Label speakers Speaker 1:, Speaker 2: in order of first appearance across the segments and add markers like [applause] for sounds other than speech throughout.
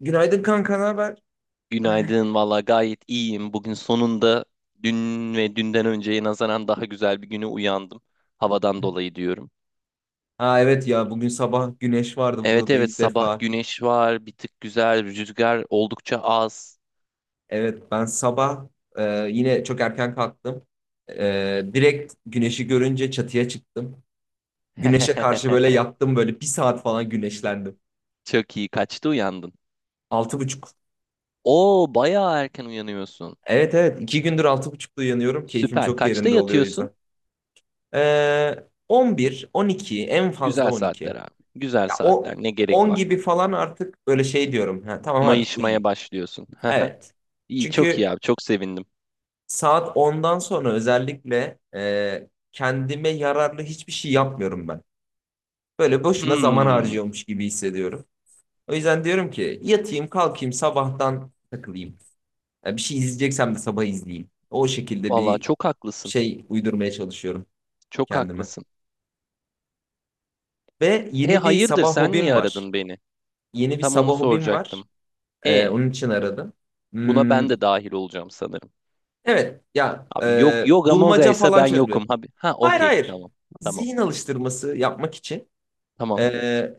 Speaker 1: Günaydın kanka, ne haber?
Speaker 2: Günaydın valla gayet iyiyim. Bugün sonunda dün ve dünden önceye nazaran daha güzel bir güne uyandım. Havadan dolayı diyorum.
Speaker 1: Ha evet ya bugün sabah güneş vardı
Speaker 2: Evet
Speaker 1: burada da
Speaker 2: evet
Speaker 1: ilk
Speaker 2: sabah
Speaker 1: defa.
Speaker 2: güneş var, bir tık güzel, rüzgar oldukça az.
Speaker 1: Evet ben sabah e, yine çok erken kalktım. Direkt güneşi görünce çatıya çıktım. Güneşe karşı böyle
Speaker 2: [laughs]
Speaker 1: yattım, böyle bir saat falan güneşlendim.
Speaker 2: Çok iyi, kaçta uyandın?
Speaker 1: Altı buçuk.
Speaker 2: Oo bayağı erken uyanıyorsun.
Speaker 1: Evet, evet, iki gündür altı buçukta uyanıyorum. Keyfim
Speaker 2: Süper,
Speaker 1: çok
Speaker 2: kaçta
Speaker 1: yerinde oluyor o
Speaker 2: yatıyorsun?
Speaker 1: yüzden. E, 11, 12, en fazla
Speaker 2: Güzel saatler
Speaker 1: 12.
Speaker 2: abi. Güzel
Speaker 1: Ya
Speaker 2: saatler,
Speaker 1: o
Speaker 2: ne gerek
Speaker 1: 10
Speaker 2: var?
Speaker 1: gibi falan artık böyle şey diyorum. Ha, tamam artık
Speaker 2: Mayışmaya
Speaker 1: uyuyayım.
Speaker 2: başlıyorsun. [laughs]
Speaker 1: Evet.
Speaker 2: İyi, çok iyi
Speaker 1: Çünkü
Speaker 2: abi, çok sevindim.
Speaker 1: saat ondan sonra özellikle kendime yararlı hiçbir şey yapmıyorum ben. Böyle boşuna zaman
Speaker 2: Hmm,
Speaker 1: harcıyormuş gibi hissediyorum. O yüzden diyorum ki yatayım kalkayım sabahtan takılayım. Ya bir şey izleyeceksem de sabah izleyeyim. O şekilde
Speaker 2: valla
Speaker 1: bir
Speaker 2: çok haklısın.
Speaker 1: şey uydurmaya çalışıyorum
Speaker 2: Çok
Speaker 1: kendime.
Speaker 2: haklısın.
Speaker 1: Ve
Speaker 2: E
Speaker 1: yeni bir
Speaker 2: hayırdır,
Speaker 1: sabah
Speaker 2: sen niye
Speaker 1: hobim var.
Speaker 2: aradın beni?
Speaker 1: Yeni bir
Speaker 2: Tam
Speaker 1: sabah
Speaker 2: onu
Speaker 1: hobim var.
Speaker 2: soracaktım. E,
Speaker 1: Onun için aradım.
Speaker 2: buna ben
Speaker 1: Hmm,
Speaker 2: de dahil olacağım sanırım.
Speaker 1: evet ya,
Speaker 2: Abi yok, yoga moga
Speaker 1: bulmaca
Speaker 2: ise
Speaker 1: falan
Speaker 2: ben
Speaker 1: çözme.
Speaker 2: yokum abi. Ha
Speaker 1: Hayır,
Speaker 2: okey,
Speaker 1: hayır.
Speaker 2: tamam. Tamam.
Speaker 1: Zihin alıştırması yapmak için
Speaker 2: Tamam.
Speaker 1: Ee,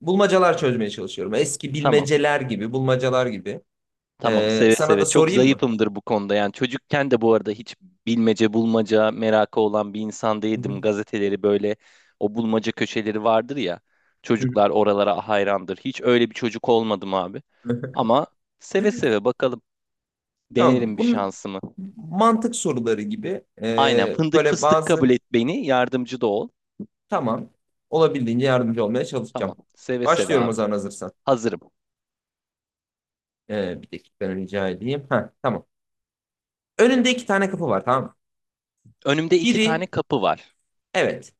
Speaker 1: bulmacalar çözmeye çalışıyorum. Eski
Speaker 2: Tamam.
Speaker 1: bilmeceler gibi, bulmacalar gibi.
Speaker 2: Tamam, seve
Speaker 1: Sana
Speaker 2: seve.
Speaker 1: da
Speaker 2: Çok
Speaker 1: sorayım mı?
Speaker 2: zayıfımdır bu konuda. Yani çocukken de bu arada hiç bilmece bulmaca merakı olan bir insan değildim.
Speaker 1: [laughs]
Speaker 2: Gazeteleri böyle, o bulmaca köşeleri vardır ya.
Speaker 1: Hı hı.
Speaker 2: Çocuklar oralara hayrandır. Hiç öyle bir çocuk olmadım abi. Ama seve seve, bakalım,
Speaker 1: Tamam.
Speaker 2: denerim bir
Speaker 1: Bunun
Speaker 2: şansımı.
Speaker 1: mantık soruları gibi
Speaker 2: Aynen, fındık
Speaker 1: böyle
Speaker 2: fıstık, kabul
Speaker 1: bazı
Speaker 2: et beni, yardımcı da ol.
Speaker 1: tamam olabildiğince yardımcı olmaya çalışacağım.
Speaker 2: Tamam, seve seve
Speaker 1: Başlıyorum o
Speaker 2: abi,
Speaker 1: zaman hazırsan.
Speaker 2: hazırım.
Speaker 1: Bir dakika rica edeyim. Ha, tamam. Önünde iki tane kapı var, tamam mı?
Speaker 2: Önümde iki tane
Speaker 1: Biri
Speaker 2: kapı var.
Speaker 1: evet.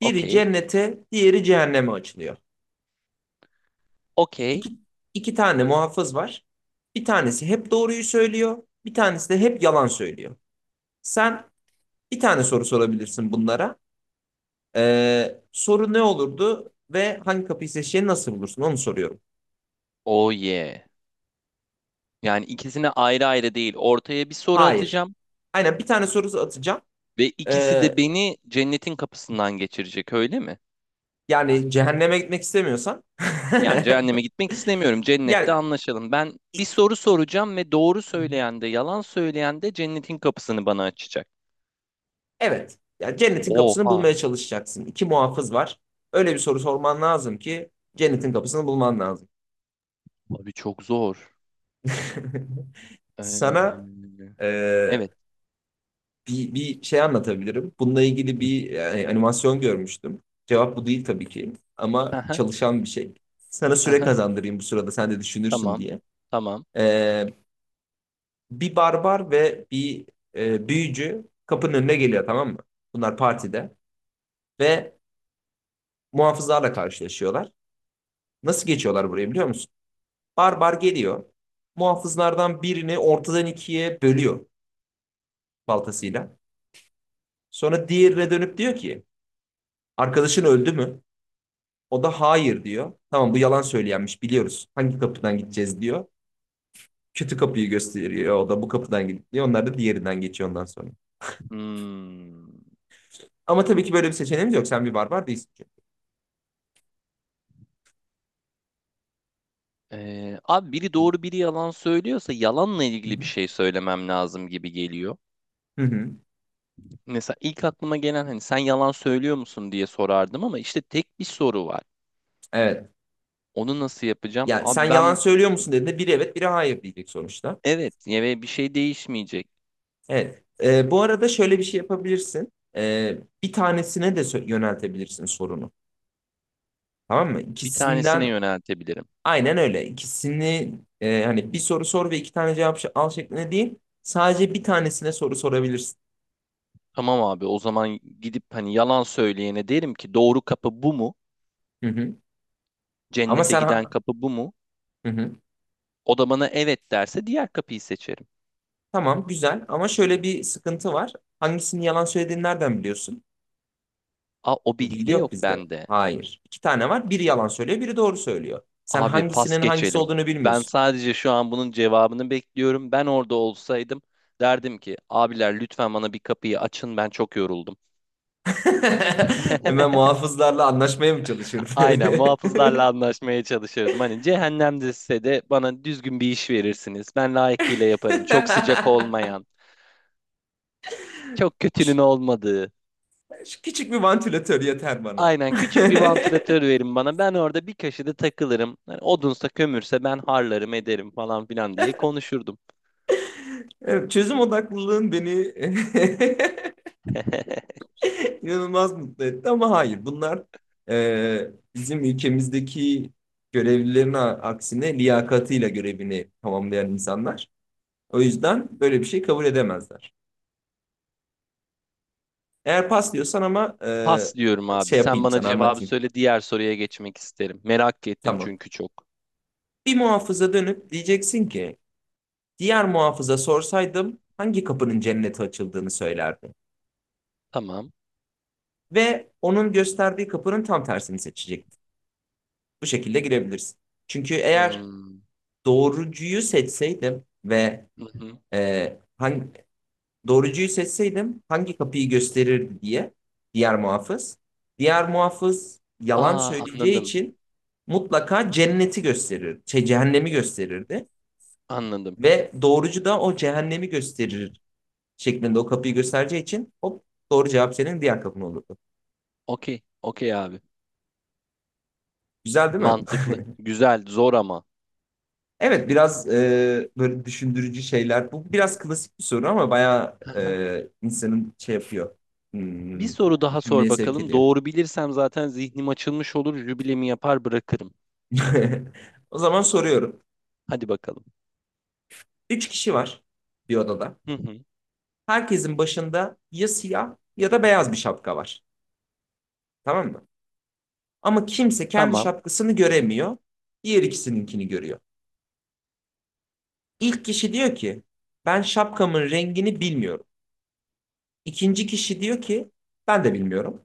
Speaker 1: Biri cennete, diğeri cehenneme açılıyor. İki,
Speaker 2: okey,
Speaker 1: iki tane muhafız var. Bir tanesi hep doğruyu söylüyor. Bir tanesi de hep yalan söylüyor. Sen bir tane soru sorabilirsin bunlara. Soru ne olurdu ve hangi kapıyı seçeceğini nasıl bulursun onu soruyorum.
Speaker 2: oh yeah. Yani ikisine ayrı ayrı değil, ortaya bir soru
Speaker 1: Hayır.
Speaker 2: atacağım.
Speaker 1: Aynen, bir tane soru atacağım.
Speaker 2: Ve ikisi de
Speaker 1: Ee,
Speaker 2: beni cennetin kapısından geçirecek, öyle mi?
Speaker 1: yani cehenneme gitmek istemiyorsan.
Speaker 2: Yani
Speaker 1: [laughs]
Speaker 2: cehenneme gitmek istemiyorum, cennette
Speaker 1: Yani
Speaker 2: anlaşalım. Ben bir soru soracağım ve doğru söyleyen de yalan söyleyen de cennetin kapısını bana açacak.
Speaker 1: evet. Yani cennetin kapısını
Speaker 2: Oha
Speaker 1: bulmaya çalışacaksın. İki muhafız var. Öyle bir soru sorman lazım ki cennetin kapısını bulman lazım.
Speaker 2: abi, çok zor.
Speaker 1: [laughs] Sana
Speaker 2: Ee,
Speaker 1: e,
Speaker 2: evet.
Speaker 1: bir şey anlatabilirim. Bununla ilgili bir yani, animasyon görmüştüm. Cevap bu değil tabii ki ama
Speaker 2: [laughs]
Speaker 1: çalışan bir şey. Sana süre kazandırayım bu sırada sen de düşünürsün
Speaker 2: Tamam.
Speaker 1: diye.
Speaker 2: Tamam.
Speaker 1: E, bir barbar ve bir büyücü kapının önüne geliyor, tamam mı? Bunlar partide ve muhafızlarla karşılaşıyorlar. Nasıl geçiyorlar buraya biliyor musun? Barbar geliyor. Muhafızlardan birini ortadan ikiye bölüyor baltasıyla. Sonra diğerine dönüp diyor ki arkadaşın öldü mü? O da hayır diyor. Tamam, bu yalan söyleyenmiş, biliyoruz. Hangi kapıdan gideceğiz diyor. Kötü kapıyı gösteriyor, o da bu kapıdan gidip diyor. Onlar da diğerinden geçiyor ondan sonra.
Speaker 2: Hmm.
Speaker 1: Ama tabii ki böyle bir seçeneğimiz yok. Sen bir barbar değilsin çünkü.
Speaker 2: Abi, biri doğru biri yalan söylüyorsa yalanla
Speaker 1: Hı
Speaker 2: ilgili bir
Speaker 1: hı.
Speaker 2: şey söylemem lazım gibi geliyor.
Speaker 1: Hı hı.
Speaker 2: Mesela ilk aklıma gelen, hani sen yalan söylüyor musun diye sorardım, ama işte tek bir soru var.
Speaker 1: Evet.
Speaker 2: Onu nasıl yapacağım?
Speaker 1: Yani sen
Speaker 2: Abi
Speaker 1: yalan
Speaker 2: ben
Speaker 1: söylüyor musun dediğinde biri evet biri hayır diyecek sonuçta.
Speaker 2: evet, ve bir şey değişmeyecek.
Speaker 1: Evet. Bu arada şöyle bir şey yapabilirsin. Bir tanesine de yöneltebilirsin sorunu. Tamam mı?
Speaker 2: Bir tanesine
Speaker 1: İkisinden
Speaker 2: yöneltebilirim.
Speaker 1: aynen öyle. İkisini hani bir soru sor ve iki tane cevap al şeklinde değil. Sadece bir tanesine soru sorabilirsin.
Speaker 2: Tamam abi, o zaman gidip hani yalan söyleyene derim ki, doğru kapı bu mu?
Speaker 1: Hı hı. Ama
Speaker 2: Cennete
Speaker 1: sen
Speaker 2: giden
Speaker 1: ha-
Speaker 2: kapı bu mu?
Speaker 1: hı hı.
Speaker 2: O da bana evet derse diğer kapıyı seçerim.
Speaker 1: Tamam güzel ama şöyle bir sıkıntı var. Hangisini yalan söylediğini nereden biliyorsun?
Speaker 2: Aa, o
Speaker 1: Bu
Speaker 2: bilgi
Speaker 1: bilgi
Speaker 2: de
Speaker 1: yok
Speaker 2: yok
Speaker 1: bizde.
Speaker 2: bende.
Speaker 1: Hayır. İki tane var. Biri yalan söylüyor, biri doğru söylüyor. Sen
Speaker 2: Abi pas
Speaker 1: hangisinin hangisi
Speaker 2: geçelim.
Speaker 1: olduğunu
Speaker 2: Ben
Speaker 1: bilmiyorsun.
Speaker 2: sadece şu an bunun cevabını bekliyorum. Ben orada olsaydım derdim ki, abiler lütfen bana bir kapıyı açın, ben çok yoruldum.
Speaker 1: [laughs] Hemen
Speaker 2: [laughs]
Speaker 1: muhafızlarla anlaşmaya mı
Speaker 2: Aynen, muhafızlarla
Speaker 1: çalışırdın?
Speaker 2: anlaşmaya çalışırdım. Hani cehennemde size de, bana düzgün bir iş verirsiniz, ben layıkıyla yaparım. Çok sıcak
Speaker 1: [laughs]
Speaker 2: olmayan, çok
Speaker 1: Şu-
Speaker 2: kötünün olmadığı.
Speaker 1: şu küçük bir vantilatör yeter bana.
Speaker 2: Aynen,
Speaker 1: [laughs]
Speaker 2: küçük bir vantilatör verin bana. Ben orada bir köşede takılırım. Yani odunsa kömürse ben harlarım ederim falan filan diye konuşurdum.
Speaker 1: Evet, çözüm odaklılığın beni
Speaker 2: [laughs]
Speaker 1: [laughs] inanılmaz mutlu etti ama hayır, bunlar bizim ülkemizdeki görevlilerin aksine liyakatıyla görevini tamamlayan insanlar. O yüzden böyle bir şey kabul edemezler. Eğer pas diyorsan ama
Speaker 2: Pas diyorum abi.
Speaker 1: şey
Speaker 2: Sen
Speaker 1: yapayım,
Speaker 2: bana
Speaker 1: sana
Speaker 2: cevabı
Speaker 1: anlatayım.
Speaker 2: söyle. Diğer soruya geçmek isterim. Merak ettim
Speaker 1: Tamam.
Speaker 2: çünkü çok.
Speaker 1: Bir muhafıza dönüp diyeceksin ki diğer muhafıza sorsaydım hangi kapının cennete açıldığını söylerdi.
Speaker 2: Tamam.
Speaker 1: Ve onun gösterdiği kapının tam tersini seçecekti. Bu şekilde girebilirsin. Çünkü eğer
Speaker 2: Hmm.
Speaker 1: doğrucuyu seçseydim ve
Speaker 2: Hı hı.
Speaker 1: e, hangi, doğrucuyu seçseydim hangi kapıyı gösterirdi diye diğer muhafız. Diğer muhafız yalan
Speaker 2: Aa,
Speaker 1: söyleyeceği
Speaker 2: anladım.
Speaker 1: için mutlaka cenneti gösterir, şey, cehennemi gösterirdi.
Speaker 2: Anladım.
Speaker 1: Ve doğrucu da o cehennemi gösterir şeklinde o kapıyı göstereceği için hop, doğru cevap senin diğer kapın olurdu.
Speaker 2: Okey. Okey abi.
Speaker 1: Güzel değil mi?
Speaker 2: Mantıklı. Güzel. Zor ama.
Speaker 1: Evet, biraz böyle düşündürücü şeyler. Bu biraz klasik bir soru ama bayağı
Speaker 2: Hı hı.
Speaker 1: insanın şey yapıyor.
Speaker 2: Bir
Speaker 1: Hmm,
Speaker 2: soru daha sor
Speaker 1: düşünmeye sevk
Speaker 2: bakalım.
Speaker 1: ediyor.
Speaker 2: Doğru bilirsem zaten zihnim açılmış olur. Jübilemi yapar bırakırım.
Speaker 1: [laughs] O zaman soruyorum.
Speaker 2: Hadi bakalım.
Speaker 1: Üç kişi var bir odada.
Speaker 2: Hı hı.
Speaker 1: Herkesin başında ya siyah ya da beyaz bir şapka var. Tamam mı? Ama kimse kendi
Speaker 2: Tamam.
Speaker 1: şapkasını göremiyor. Diğer ikisininkini görüyor. İlk kişi diyor ki ben şapkamın rengini bilmiyorum. İkinci kişi diyor ki ben de bilmiyorum.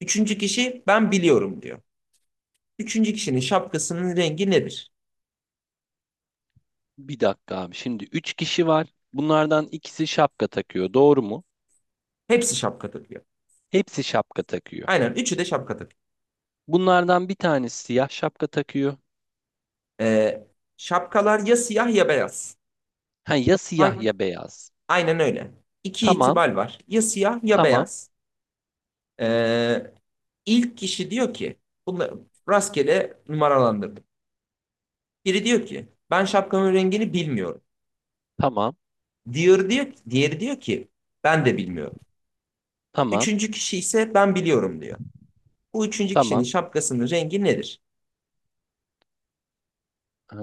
Speaker 1: Üçüncü kişi ben biliyorum diyor. Üçüncü kişinin şapkasının rengi nedir?
Speaker 2: Bir dakika abi. Şimdi üç kişi var. Bunlardan ikisi şapka takıyor, doğru mu?
Speaker 1: Hepsi şapka takıyor.
Speaker 2: Hepsi şapka takıyor.
Speaker 1: Aynen üçü de şapka
Speaker 2: Bunlardan bir tanesi siyah şapka takıyor.
Speaker 1: Ee, şapkalar ya siyah ya beyaz.
Speaker 2: Ha, ya siyah
Speaker 1: Hang-
Speaker 2: ya beyaz.
Speaker 1: Aynen öyle. İki
Speaker 2: Tamam,
Speaker 1: ihtimal var. Ya siyah ya
Speaker 2: tamam,
Speaker 1: beyaz. Ee, ilk kişi diyor ki, bunları rastgele numaralandırdım. Biri diyor ki ben şapkamın rengini bilmiyorum.
Speaker 2: tamam,
Speaker 1: Diğeri diyor ki ben de bilmiyorum.
Speaker 2: tamam,
Speaker 1: Üçüncü kişi ise ben biliyorum diyor. Bu üçüncü kişinin
Speaker 2: tamam.
Speaker 1: şapkasının rengi nedir?
Speaker 2: Ee,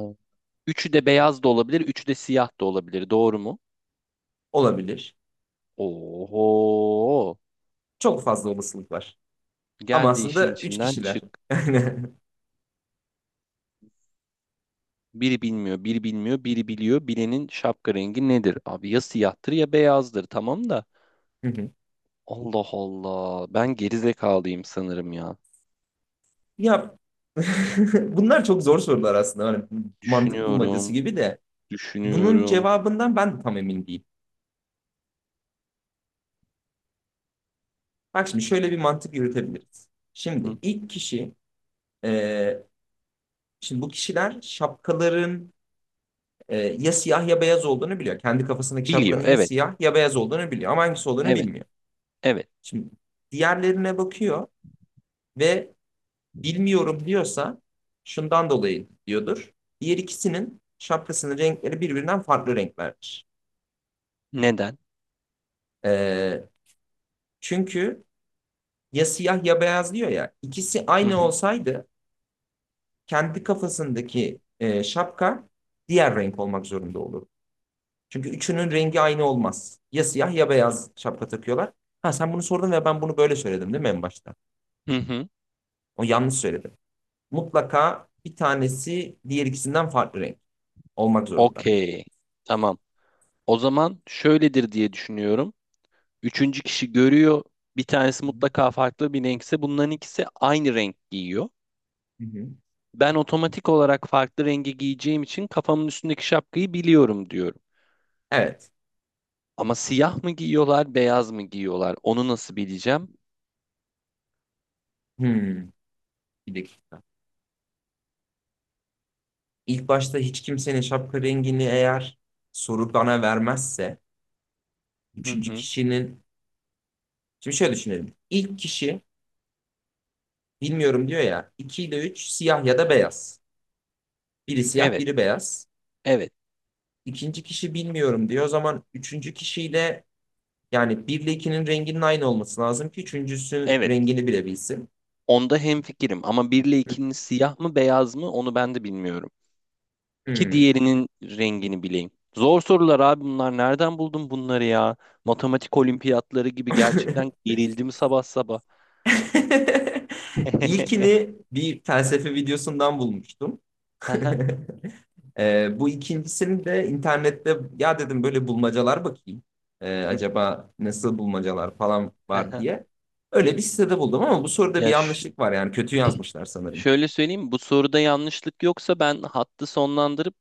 Speaker 2: üçü de beyaz da olabilir, üçü de siyah da olabilir, doğru mu?
Speaker 1: Olabilir.
Speaker 2: Oho!
Speaker 1: Çok fazla olasılık var. Ama
Speaker 2: Geldi, işin
Speaker 1: aslında üç
Speaker 2: içinden
Speaker 1: kişiler.
Speaker 2: çık.
Speaker 1: [laughs] Aynen.
Speaker 2: Biri bilmiyor, biri bilmiyor, biri biliyor. Bilenin şapka rengi nedir? Abi ya siyahtır ya beyazdır. Tamam da.
Speaker 1: Hı hı.
Speaker 2: Allah Allah. Ben gerizekalıyım sanırım ya.
Speaker 1: Ya [laughs] bunlar çok zor sorular aslında. Hani mantık bulmacası
Speaker 2: Düşünüyorum,
Speaker 1: gibi de bunun
Speaker 2: düşünüyorum.
Speaker 1: cevabından ben de tam emin değilim. Bak şimdi şöyle bir mantık yürütebiliriz. Şimdi
Speaker 2: Hı.
Speaker 1: ilk kişi e, şimdi bu kişiler şapkaların ya siyah ya beyaz olduğunu biliyor. Kendi kafasındaki
Speaker 2: Biliyor.
Speaker 1: şapkanın ya
Speaker 2: Evet,
Speaker 1: siyah ya beyaz olduğunu biliyor ama hangisi olduğunu
Speaker 2: evet,
Speaker 1: bilmiyor.
Speaker 2: evet.
Speaker 1: Şimdi diğerlerine bakıyor ve bilmiyorum diyorsa şundan dolayı diyordur. Diğer ikisinin şapkasının renkleri birbirinden farklı renklerdir.
Speaker 2: Neden?
Speaker 1: Ee, çünkü ya siyah ya beyaz diyor ya. İkisi
Speaker 2: Hı
Speaker 1: aynı
Speaker 2: hı,
Speaker 1: olsaydı kendi kafasındaki şapka diğer renk olmak zorunda olur. Çünkü üçünün rengi aynı olmaz. Ya siyah ya beyaz şapka takıyorlar. Ha sen bunu sordun ve ben bunu böyle söyledim değil mi en başta?
Speaker 2: hı hı.
Speaker 1: O yanlış söyledim. Mutlaka bir tanesi diğer ikisinden farklı renk olmak zorunda.
Speaker 2: Okey. Tamam. O zaman şöyledir diye düşünüyorum. Üçüncü kişi görüyor. Bir tanesi mutlaka farklı bir renkse, bunların ikisi aynı renk giyiyor.
Speaker 1: Hı hı.
Speaker 2: Ben otomatik olarak farklı rengi giyeceğim için kafamın üstündeki şapkayı biliyorum diyorum.
Speaker 1: Evet.
Speaker 2: Ama siyah mı giyiyorlar, beyaz mı giyiyorlar? Onu nasıl bileceğim?
Speaker 1: Hmm, bir dakika. İlk başta hiç kimsenin şapka rengini eğer soru bana vermezse
Speaker 2: Hı
Speaker 1: üçüncü
Speaker 2: hı.
Speaker 1: kişinin şimdi şöyle düşünelim. İlk kişi bilmiyorum diyor ya, 2 ile 3 siyah ya da beyaz. Biri siyah
Speaker 2: Evet,
Speaker 1: biri beyaz.
Speaker 2: evet,
Speaker 1: İkinci kişi bilmiyorum diyor. O zaman üçüncü kişiyle yani 1 ile 2'nin renginin aynı olması lazım ki üçüncüsünün
Speaker 2: evet.
Speaker 1: rengini bilebilsin.
Speaker 2: Onda hemfikirim ama 1 ile 2'nin siyah mı, beyaz mı onu ben de bilmiyorum. Ki
Speaker 1: Hmm.
Speaker 2: diğerinin rengini bileyim. Zor sorular abi bunlar. Nereden buldun bunları ya? Matematik olimpiyatları gibi, gerçekten
Speaker 1: [laughs]
Speaker 2: gerildim sabah sabah. [laughs]
Speaker 1: İlkini bir felsefe videosundan bulmuştum. [laughs]
Speaker 2: Aha,
Speaker 1: Bu ikincisini de internette ya dedim böyle bulmacalar bakayım. Acaba nasıl bulmacalar falan var
Speaker 2: aha.
Speaker 1: diye. Öyle bir sitede buldum ama bu soruda bir
Speaker 2: Ya ş-
Speaker 1: yanlışlık var, yani kötü yazmışlar sanırım.
Speaker 2: şöyle söyleyeyim, bu soruda yanlışlık yoksa ben hattı sonlandırıp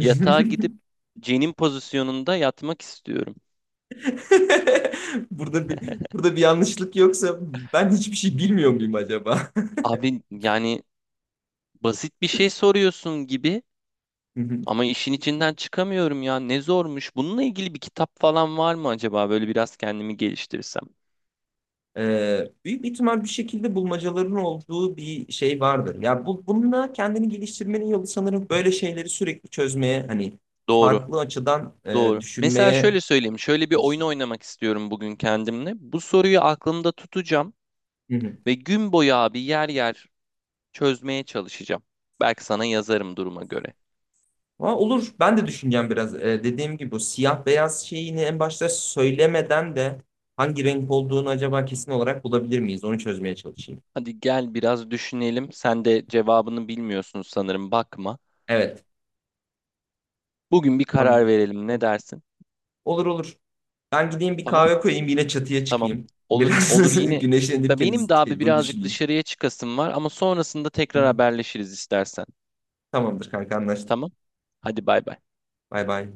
Speaker 2: yatağa gidip cenin pozisyonunda yatmak istiyorum.
Speaker 1: Burada bir yanlışlık yoksa ben hiçbir şey bilmiyor muyum acaba?
Speaker 2: Abi yani basit bir şey soruyorsun gibi,
Speaker 1: [laughs]
Speaker 2: ama işin içinden çıkamıyorum ya, ne zormuş. Bununla ilgili bir kitap falan var mı acaba, böyle biraz kendimi geliştirsem?
Speaker 1: Büyük bir ihtimal bir şekilde bulmacaların olduğu bir şey vardır. Ya bu, bununla kendini geliştirmenin yolu sanırım böyle şeyleri sürekli çözmeye, hani
Speaker 2: Doğru.
Speaker 1: farklı açıdan
Speaker 2: Doğru. Mesela
Speaker 1: düşünmeye
Speaker 2: şöyle söyleyeyim. Şöyle bir oyun
Speaker 1: alıştırma.
Speaker 2: oynamak istiyorum bugün kendimle. Bu soruyu aklımda tutacağım
Speaker 1: Hı hı.
Speaker 2: ve gün boyu abi yer yer çözmeye çalışacağım. Belki sana yazarım duruma göre.
Speaker 1: Ama olur. Ben de düşüneceğim biraz. Dediğim gibi bu siyah beyaz şeyini en başta söylemeden de hangi renk olduğunu acaba kesin olarak bulabilir miyiz? Onu çözmeye çalışayım.
Speaker 2: Hadi gel biraz düşünelim. Sen de cevabını bilmiyorsun sanırım. Bakma.
Speaker 1: Evet.
Speaker 2: Bugün bir
Speaker 1: Tamam.
Speaker 2: karar verelim, ne dersin?
Speaker 1: Olur, olur. Ben gideyim bir
Speaker 2: Tamam.
Speaker 1: kahve koyayım yine çatıya
Speaker 2: Tamam.
Speaker 1: çıkayım.
Speaker 2: Olur. Olur
Speaker 1: Biraz [laughs]
Speaker 2: yine. Da
Speaker 1: güneşlenirken
Speaker 2: benim de abi
Speaker 1: bunu
Speaker 2: birazcık
Speaker 1: düşüneyim.
Speaker 2: dışarıya çıkasım var, ama sonrasında
Speaker 1: Hı
Speaker 2: tekrar
Speaker 1: hı.
Speaker 2: haberleşiriz istersen.
Speaker 1: Tamamdır kanka, anlaştık.
Speaker 2: Tamam. Hadi bay bay.
Speaker 1: Bay bay.